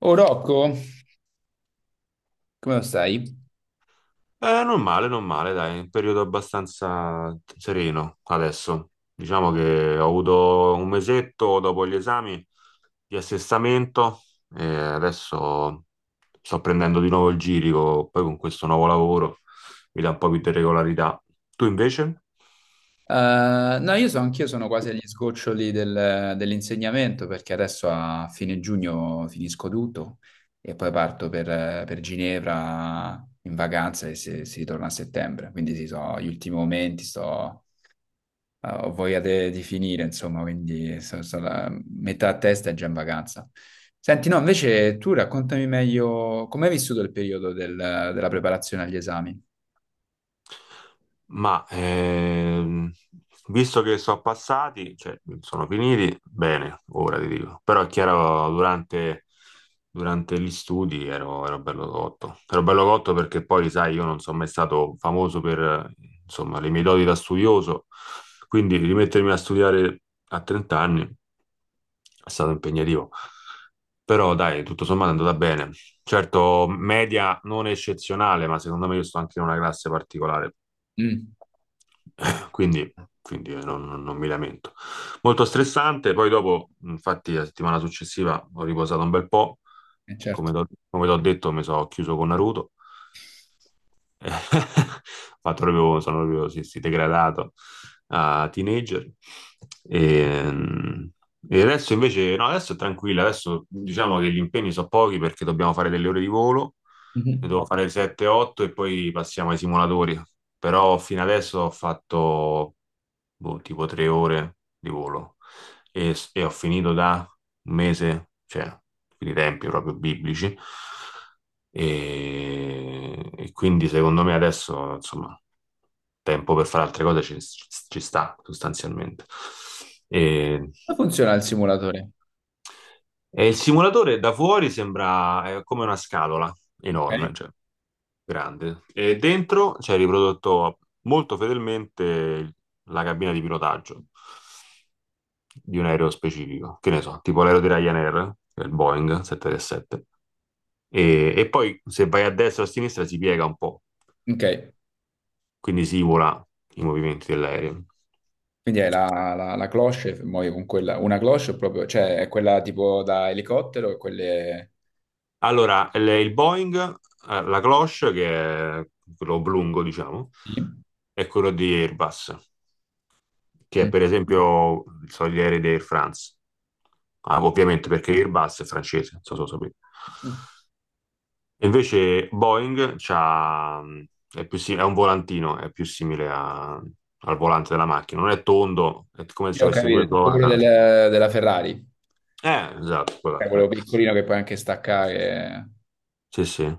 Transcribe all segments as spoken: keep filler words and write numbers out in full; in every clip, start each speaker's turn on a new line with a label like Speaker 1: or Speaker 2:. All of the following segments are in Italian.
Speaker 1: Oh Rocco, come lo stai?
Speaker 2: Eh, non male, non male, dai, è un periodo abbastanza sereno adesso. Diciamo che ho avuto un mesetto dopo gli esami di assestamento e adesso sto prendendo di nuovo il girico, poi con questo nuovo lavoro mi dà un po' più di regolarità. Tu invece?
Speaker 1: Eh, no, io so, anch'io sono quasi agli sgoccioli del- dell'insegnamento perché adesso a fine giugno finisco tutto e poi parto per, per Ginevra in vacanza e si, si ritorna a settembre. Quindi sì, so, gli ultimi momenti, sto, eh, ho voglia de- di finire, insomma, quindi so- so la- metà a testa è già in vacanza. Senti, no, invece tu raccontami meglio come hai vissuto il periodo del- della preparazione agli esami.
Speaker 2: Ma ehm, Visto che sono passati, cioè sono finiti, bene, ora ti dico. Però è chiaro, durante, durante gli studi ero, ero bello cotto. Ero bello cotto perché poi, sai, io non sono mai stato famoso per, eh, insomma, le mie doti da studioso. Quindi rimettermi a studiare a trenta anni è stato impegnativo. Però dai, tutto sommato è andata bene. Certo, media non eccezionale, ma secondo me io sto anche in una classe particolare.
Speaker 1: Mm,
Speaker 2: Quindi, quindi non, non- non mi lamento. Molto stressante, poi dopo, infatti, la settimana successiva ho riposato un bel po',
Speaker 1: eh,
Speaker 2: come
Speaker 1: certo.
Speaker 2: t'ho come t'ho detto, mi sono chiuso con Naruto fatto proprio, sono proprio sì, sì, degradato a teenager. E, e adesso invece, no, adesso è tranquilla, adesso diciamo che gli impegni sono pochi perché dobbiamo fare delle ore di volo, ne
Speaker 1: Mhm.
Speaker 2: devo fare sette otto e poi passiamo ai simulatori. Però fino adesso ho fatto boh, tipo tre ore di volo e, e ho finito da un mese, cioè, quindi tempi proprio biblici. E, e quindi secondo me adesso, insomma, tempo per fare altre cose ci, ci sta sostanzialmente. E,
Speaker 1: Come funziona il simulatore?
Speaker 2: e il simulatore da fuori sembra eh, come una scatola
Speaker 1: Ok,
Speaker 2: enorme, cioè grande, e dentro c'è riprodotto molto fedelmente la cabina di pilotaggio di un aereo specifico, che ne so, tipo l'aereo di Ryanair, che è il Boeing sette trentasette, e, e poi se vai a destra o a sinistra si piega un po',
Speaker 1: ok.
Speaker 2: quindi si simula i movimenti dell'aereo.
Speaker 1: Quindi hai la, la, la cloche, muovi con quella, una cloche proprio, cioè è quella tipo da elicottero e quelle...
Speaker 2: Allora, il il Boeing, eh, la cloche, che è quello oblungo, diciamo,
Speaker 1: Sì.
Speaker 2: è quello di Airbus, che è
Speaker 1: Mm.
Speaker 2: per esempio so, gli aerei di Air France. Ah, ovviamente perché Airbus è francese, non so se lo sapete. E invece Boeing c'ha, mh, è più si- è un volantino, è più simile a- al volante della macchina. Non è tondo, è come
Speaker 1: Sì,
Speaker 2: se
Speaker 1: ho
Speaker 2: avesse due
Speaker 1: capito, quello
Speaker 2: corna.
Speaker 1: del- della Ferrari.
Speaker 2: Eh, esatto, quella-
Speaker 1: Cioè, quello
Speaker 2: beh.
Speaker 1: piccolino che puoi anche staccare.
Speaker 2: Sì, sì.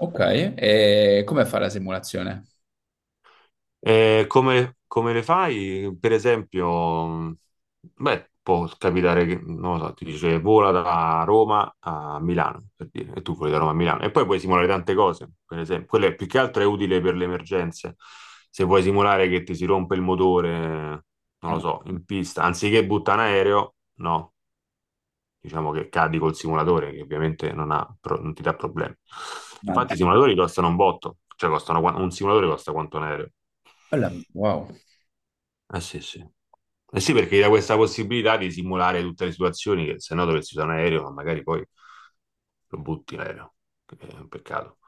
Speaker 1: Ok, e come fa la simulazione?
Speaker 2: E come, come le fai? Per esempio, mh, beh, può capitare che, non lo so, ti dice vola da Roma a Milano, per dire, e tu voli da Roma a Milano. E poi puoi simulare tante cose, per esempio. Quello è- più che altro è utile per le emergenze. Se vuoi simulare che ti si rompe il motore, non lo
Speaker 1: Eh,
Speaker 2: so, in pista, anziché butta in aereo, no, diciamo che cadi col simulatore, che ovviamente non ha pro- non ti dà problemi. Infatti i
Speaker 1: mannaggia.
Speaker 2: simulatori costano un botto, cioè costano, qua- un simulatore costa quanto un aereo.
Speaker 1: Bella, wow.
Speaker 2: Eh sì, sì. Eh sì, perché gli dà questa possibilità di simulare tutte le situazioni che se no dovresti usare un aereo, ma magari poi lo butti l'aereo, che è un peccato.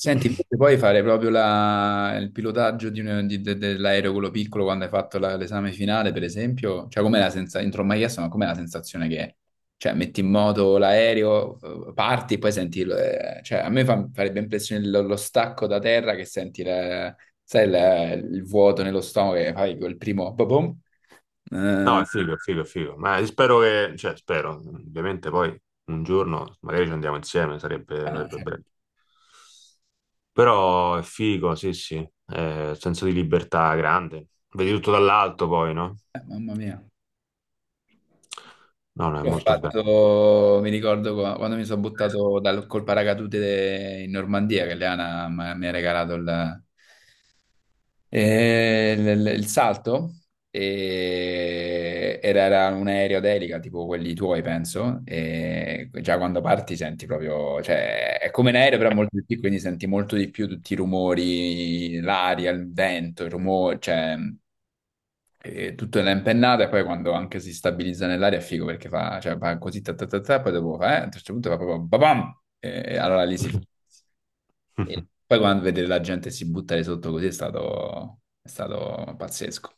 Speaker 1: Senti, invece puoi fare proprio la- il pilotaggio di un- di- de- dell'aereo quello piccolo quando hai fatto la- l'esame finale, per esempio? Cioè, com'è la sensazione? Non te l'ho mai chiesto, ma com'è la sensazione che è? Cioè, metti in moto l'aereo, eh, parti e poi senti... il- eh, cioè, a me fa- farebbe impressione lo, lo stacco da terra che senti la- sai, la- il vuoto nello stomaco che fai quel primo... boh, boom.
Speaker 2: No,
Speaker 1: Eh,
Speaker 2: è figo, è figo, è figo. Ma spero che, cioè, spero, ovviamente poi un giorno magari ci andiamo insieme, sarebbe, sarebbe
Speaker 1: ah,
Speaker 2: bello. Però è figo, sì, sì. Eh, senso di libertà grande. Vedi tutto dall'alto poi, no?
Speaker 1: cioè, mamma mia.
Speaker 2: No, no, è
Speaker 1: Io ho
Speaker 2: molto bello.
Speaker 1: fatto, mi ricordo qua- quando mi sono buttato dal, col paracadute in Normandia, che Leana m- mi ha regalato il, eh, il- il il salto, e era, era un aereo d'elica, tipo quelli tuoi, penso, e già quando parti senti proprio, cioè è come un aereo però molto più piccolo, quindi senti molto di più tutti i rumori, l'aria, il vento, il rumore, cioè... E tutto nella impennata e poi quando anche si stabilizza nell'aria è figo perché fa, cioè, fa così, ta, ta, ta, ta, poi dopo fa, eh, a un certo punto fa proprio babam! E allora lì si fa. E poi quando vedere la gente si buttare sotto così è stato, è stato pazzesco.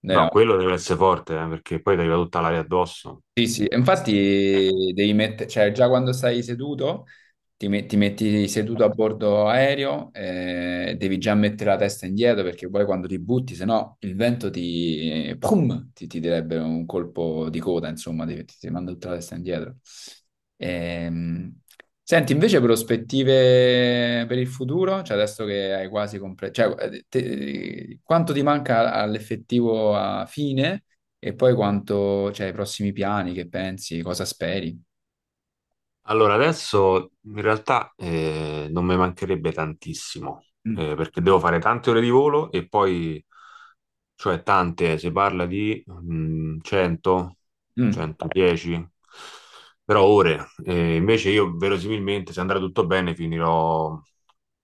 Speaker 1: Noi
Speaker 2: No,
Speaker 1: eravamo...
Speaker 2: quello deve essere forte, eh, perché poi ti arriva tutta l'aria addosso.
Speaker 1: Sì, sì, e infatti devi mettere, cioè già quando stai seduto, ti, met- ti metti seduto a bordo aereo, eh, devi già mettere la testa indietro perché poi quando ti butti, se no il vento ti, pum, ti, ti direbbe un colpo di coda, insomma, ti, ti- ti manda tutta la testa indietro. Ehm, Senti, invece prospettive per il futuro, cioè adesso che hai quasi completato, cioè, eh, te- quanto ti manca all'effettivo a fine? E poi quanto, cioè, i prossimi piani, che pensi, cosa speri?
Speaker 2: Allora, adesso in realtà eh, non mi mancherebbe tantissimo,
Speaker 1: Mm.
Speaker 2: eh, perché devo fare tante ore di volo e poi, cioè tante, si parla di mm, cento,
Speaker 1: Mm.
Speaker 2: centodieci, però ore. Eh, invece io verosimilmente, se andrà tutto bene, finirò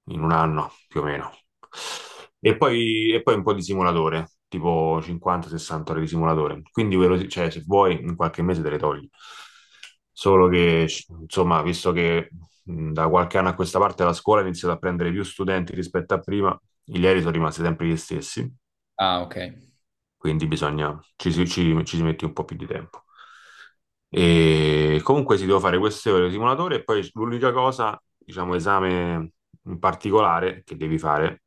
Speaker 2: in un anno più o meno. E poi, e poi un po' di simulatore, tipo cinquanta sessanta ore di simulatore. Quindi, veros- cioè, se vuoi, in qualche mese te le togli. Solo che, insomma, visto che mh, da qualche anno a questa parte la scuola ha iniziato a prendere più studenti rispetto a prima, i aerei sono rimasti sempre gli stessi,
Speaker 1: Ah, ok.
Speaker 2: quindi bisogna, ci, si ci- ci si mette un po' più di tempo. E comunque si deve fare queste ore di simulatore e poi l'unica cosa, diciamo, esame in particolare che devi fare,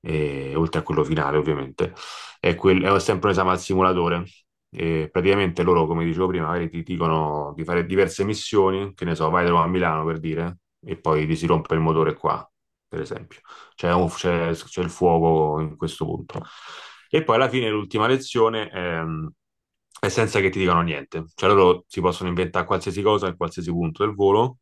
Speaker 2: eh, oltre a quello finale ovviamente, è, quel- è sempre un esame al simulatore. E praticamente loro, come dicevo prima, magari ti dicono di fare diverse missioni, che ne so, vai da Roma a Milano per dire, e poi ti si rompe il motore qua, per esempio c'è, un- c'è- c'è il fuoco in questo punto. E poi alla fine l'ultima lezione ehm, è senza che ti dicano niente, cioè loro si possono inventare qualsiasi cosa in qualsiasi punto del volo,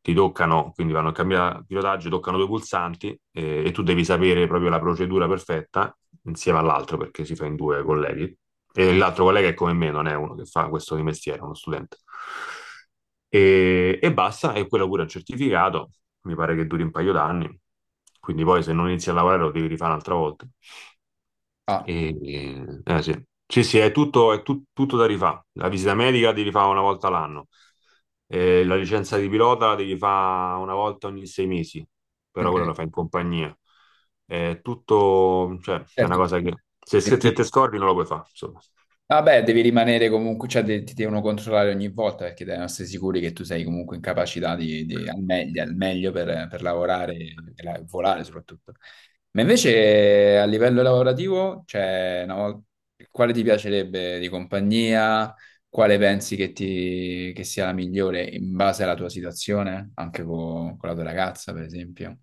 Speaker 2: ti toccano, quindi vanno a cambiare pilotaggio, toccano due pulsanti, eh, e tu devi sapere proprio la procedura perfetta insieme all'altro perché si fa in due colleghi. E l'altro collega è come me, non è uno che fa questo di mestiere, è uno studente e, e basta, e quello pure è un certificato, mi pare che duri un paio d'anni, quindi poi se non inizi a lavorare lo devi rifare un'altra volta.
Speaker 1: Ah,
Speaker 2: E, e- eh, sì. Sì, sì, è tutto, è tut- tutto da rifare. La visita medica devi fare una volta l'anno, e la licenza di pilota la devi fare una volta ogni sei mesi, però
Speaker 1: ok.
Speaker 2: quella la fai in compagnia. È tutto, cioè, è una cosa che se, se
Speaker 1: Certo.
Speaker 2: se te scordi non lo puoi fare, insomma.
Speaker 1: Vabbè, devi rimanere comunque, cioè de- ti devono controllare ogni volta perché devono essere sicuri che tu sei comunque in capacità di, di- al meglio, al meglio per, per lavorare e la- volare soprattutto. Ma invece a livello lavorativo, cioè, una vol- quale ti piacerebbe di compagnia? Quale pensi che, ti, che sia la migliore in base alla tua situazione? Anche co- con, la tua ragazza, per esempio.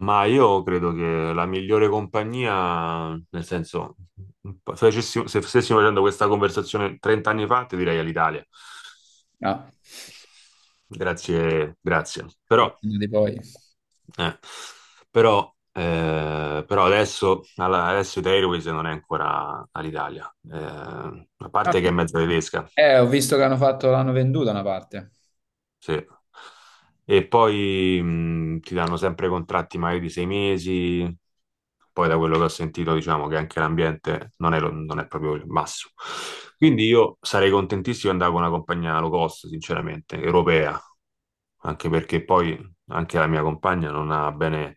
Speaker 2: Ma io credo che la migliore compagnia, nel senso, se facessimo- se stessimo facendo questa conversazione trenta anni fa, ti direi all'Italia.
Speaker 1: Ah,
Speaker 2: Grazie, grazie. Però,
Speaker 1: fortuna di poi.
Speaker 2: eh, però, eh, però adesso, alla- adesso Italia Airways non è ancora all'Italia. Eh, a
Speaker 1: Ah,
Speaker 2: parte che è mezza tedesca.
Speaker 1: eh, ho visto che hanno fatto, l'hanno venduta una parte.
Speaker 2: Sì. E poi mh, ti danno sempre contratti magari di sei mesi, poi da quello che ho sentito diciamo che anche l'ambiente non è, lo- non è proprio il massimo. Quindi io sarei contentissimo di andare con una compagnia low cost, sinceramente, europea, anche perché poi anche la mia compagna non ha bene,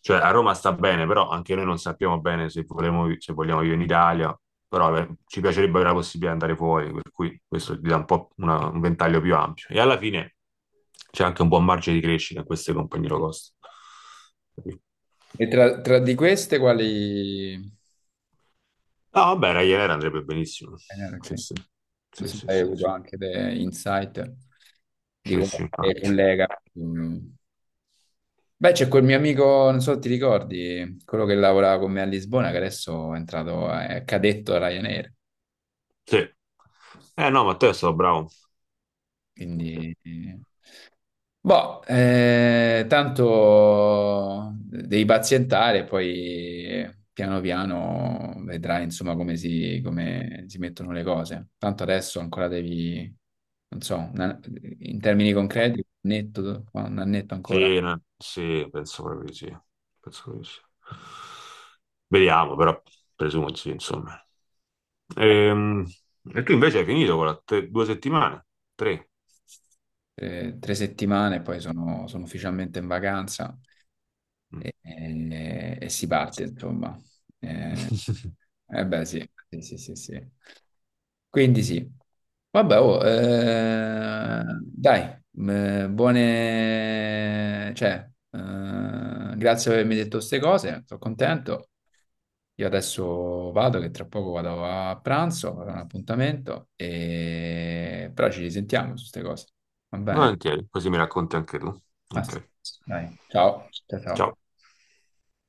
Speaker 2: cioè a Roma sta bene, però anche noi non sappiamo bene se vogliamo, se vogliamo vivere in Italia, però eh, ci piacerebbe avere la possibilità di andare fuori, per cui questo ti dà un po' una- un ventaglio più ampio. E alla fine c'è anche un buon margine di crescita in queste compagnie low cost. Capito?
Speaker 1: E tra, tra di queste quali...
Speaker 2: No, vabbè, Ryanair andrebbe benissimo.
Speaker 1: eh, no, perché
Speaker 2: Sì, sì,
Speaker 1: non
Speaker 2: sì,
Speaker 1: so se
Speaker 2: sì,
Speaker 1: hai
Speaker 2: sì,
Speaker 1: avuto anche dei insight di
Speaker 2: sì, sì, sì.
Speaker 1: qualche collega. Mm. Beh, c'è quel mio amico, non so se ti ricordi, quello che lavorava con me a Lisbona, che adesso è entrato, è cadetto a Ryanair,
Speaker 2: Sì. Eh no, Matteo è stato bravo. Sì.
Speaker 1: quindi... eh, boh, eh, tanto devi pazientare, poi piano piano vedrai insomma come si, come si mettono le cose. Tanto adesso ancora devi, non so, una- in termini concreti, un annetto, un annetto ancora,
Speaker 2: Sì, no- sì, penso proprio di sì. Penso proprio di sì. Vediamo, però presumo di sì, insomma. Ehm, E, tu invece hai finito con la te- due settimane? Tre?
Speaker 1: eh, tre settimane, poi sono, sono ufficialmente in vacanza
Speaker 2: Mm.
Speaker 1: e, e- e si parte, insomma. Eh beh, sì, sì, sì, sì, sì. Quindi sì. Vabbè, oh, eh, dai, eh, buone... cioè, eh, grazie per avermi detto queste cose, sono contento. Io adesso vado, che tra poco vado a pranzo, avrò un appuntamento, e... però ci risentiamo su queste cose. Va bene?
Speaker 2: Volentieri, così mi racconti anche tu.
Speaker 1: Massimo,
Speaker 2: Ok.
Speaker 1: dai, ciao. Ciao, ciao.
Speaker 2: Ciao.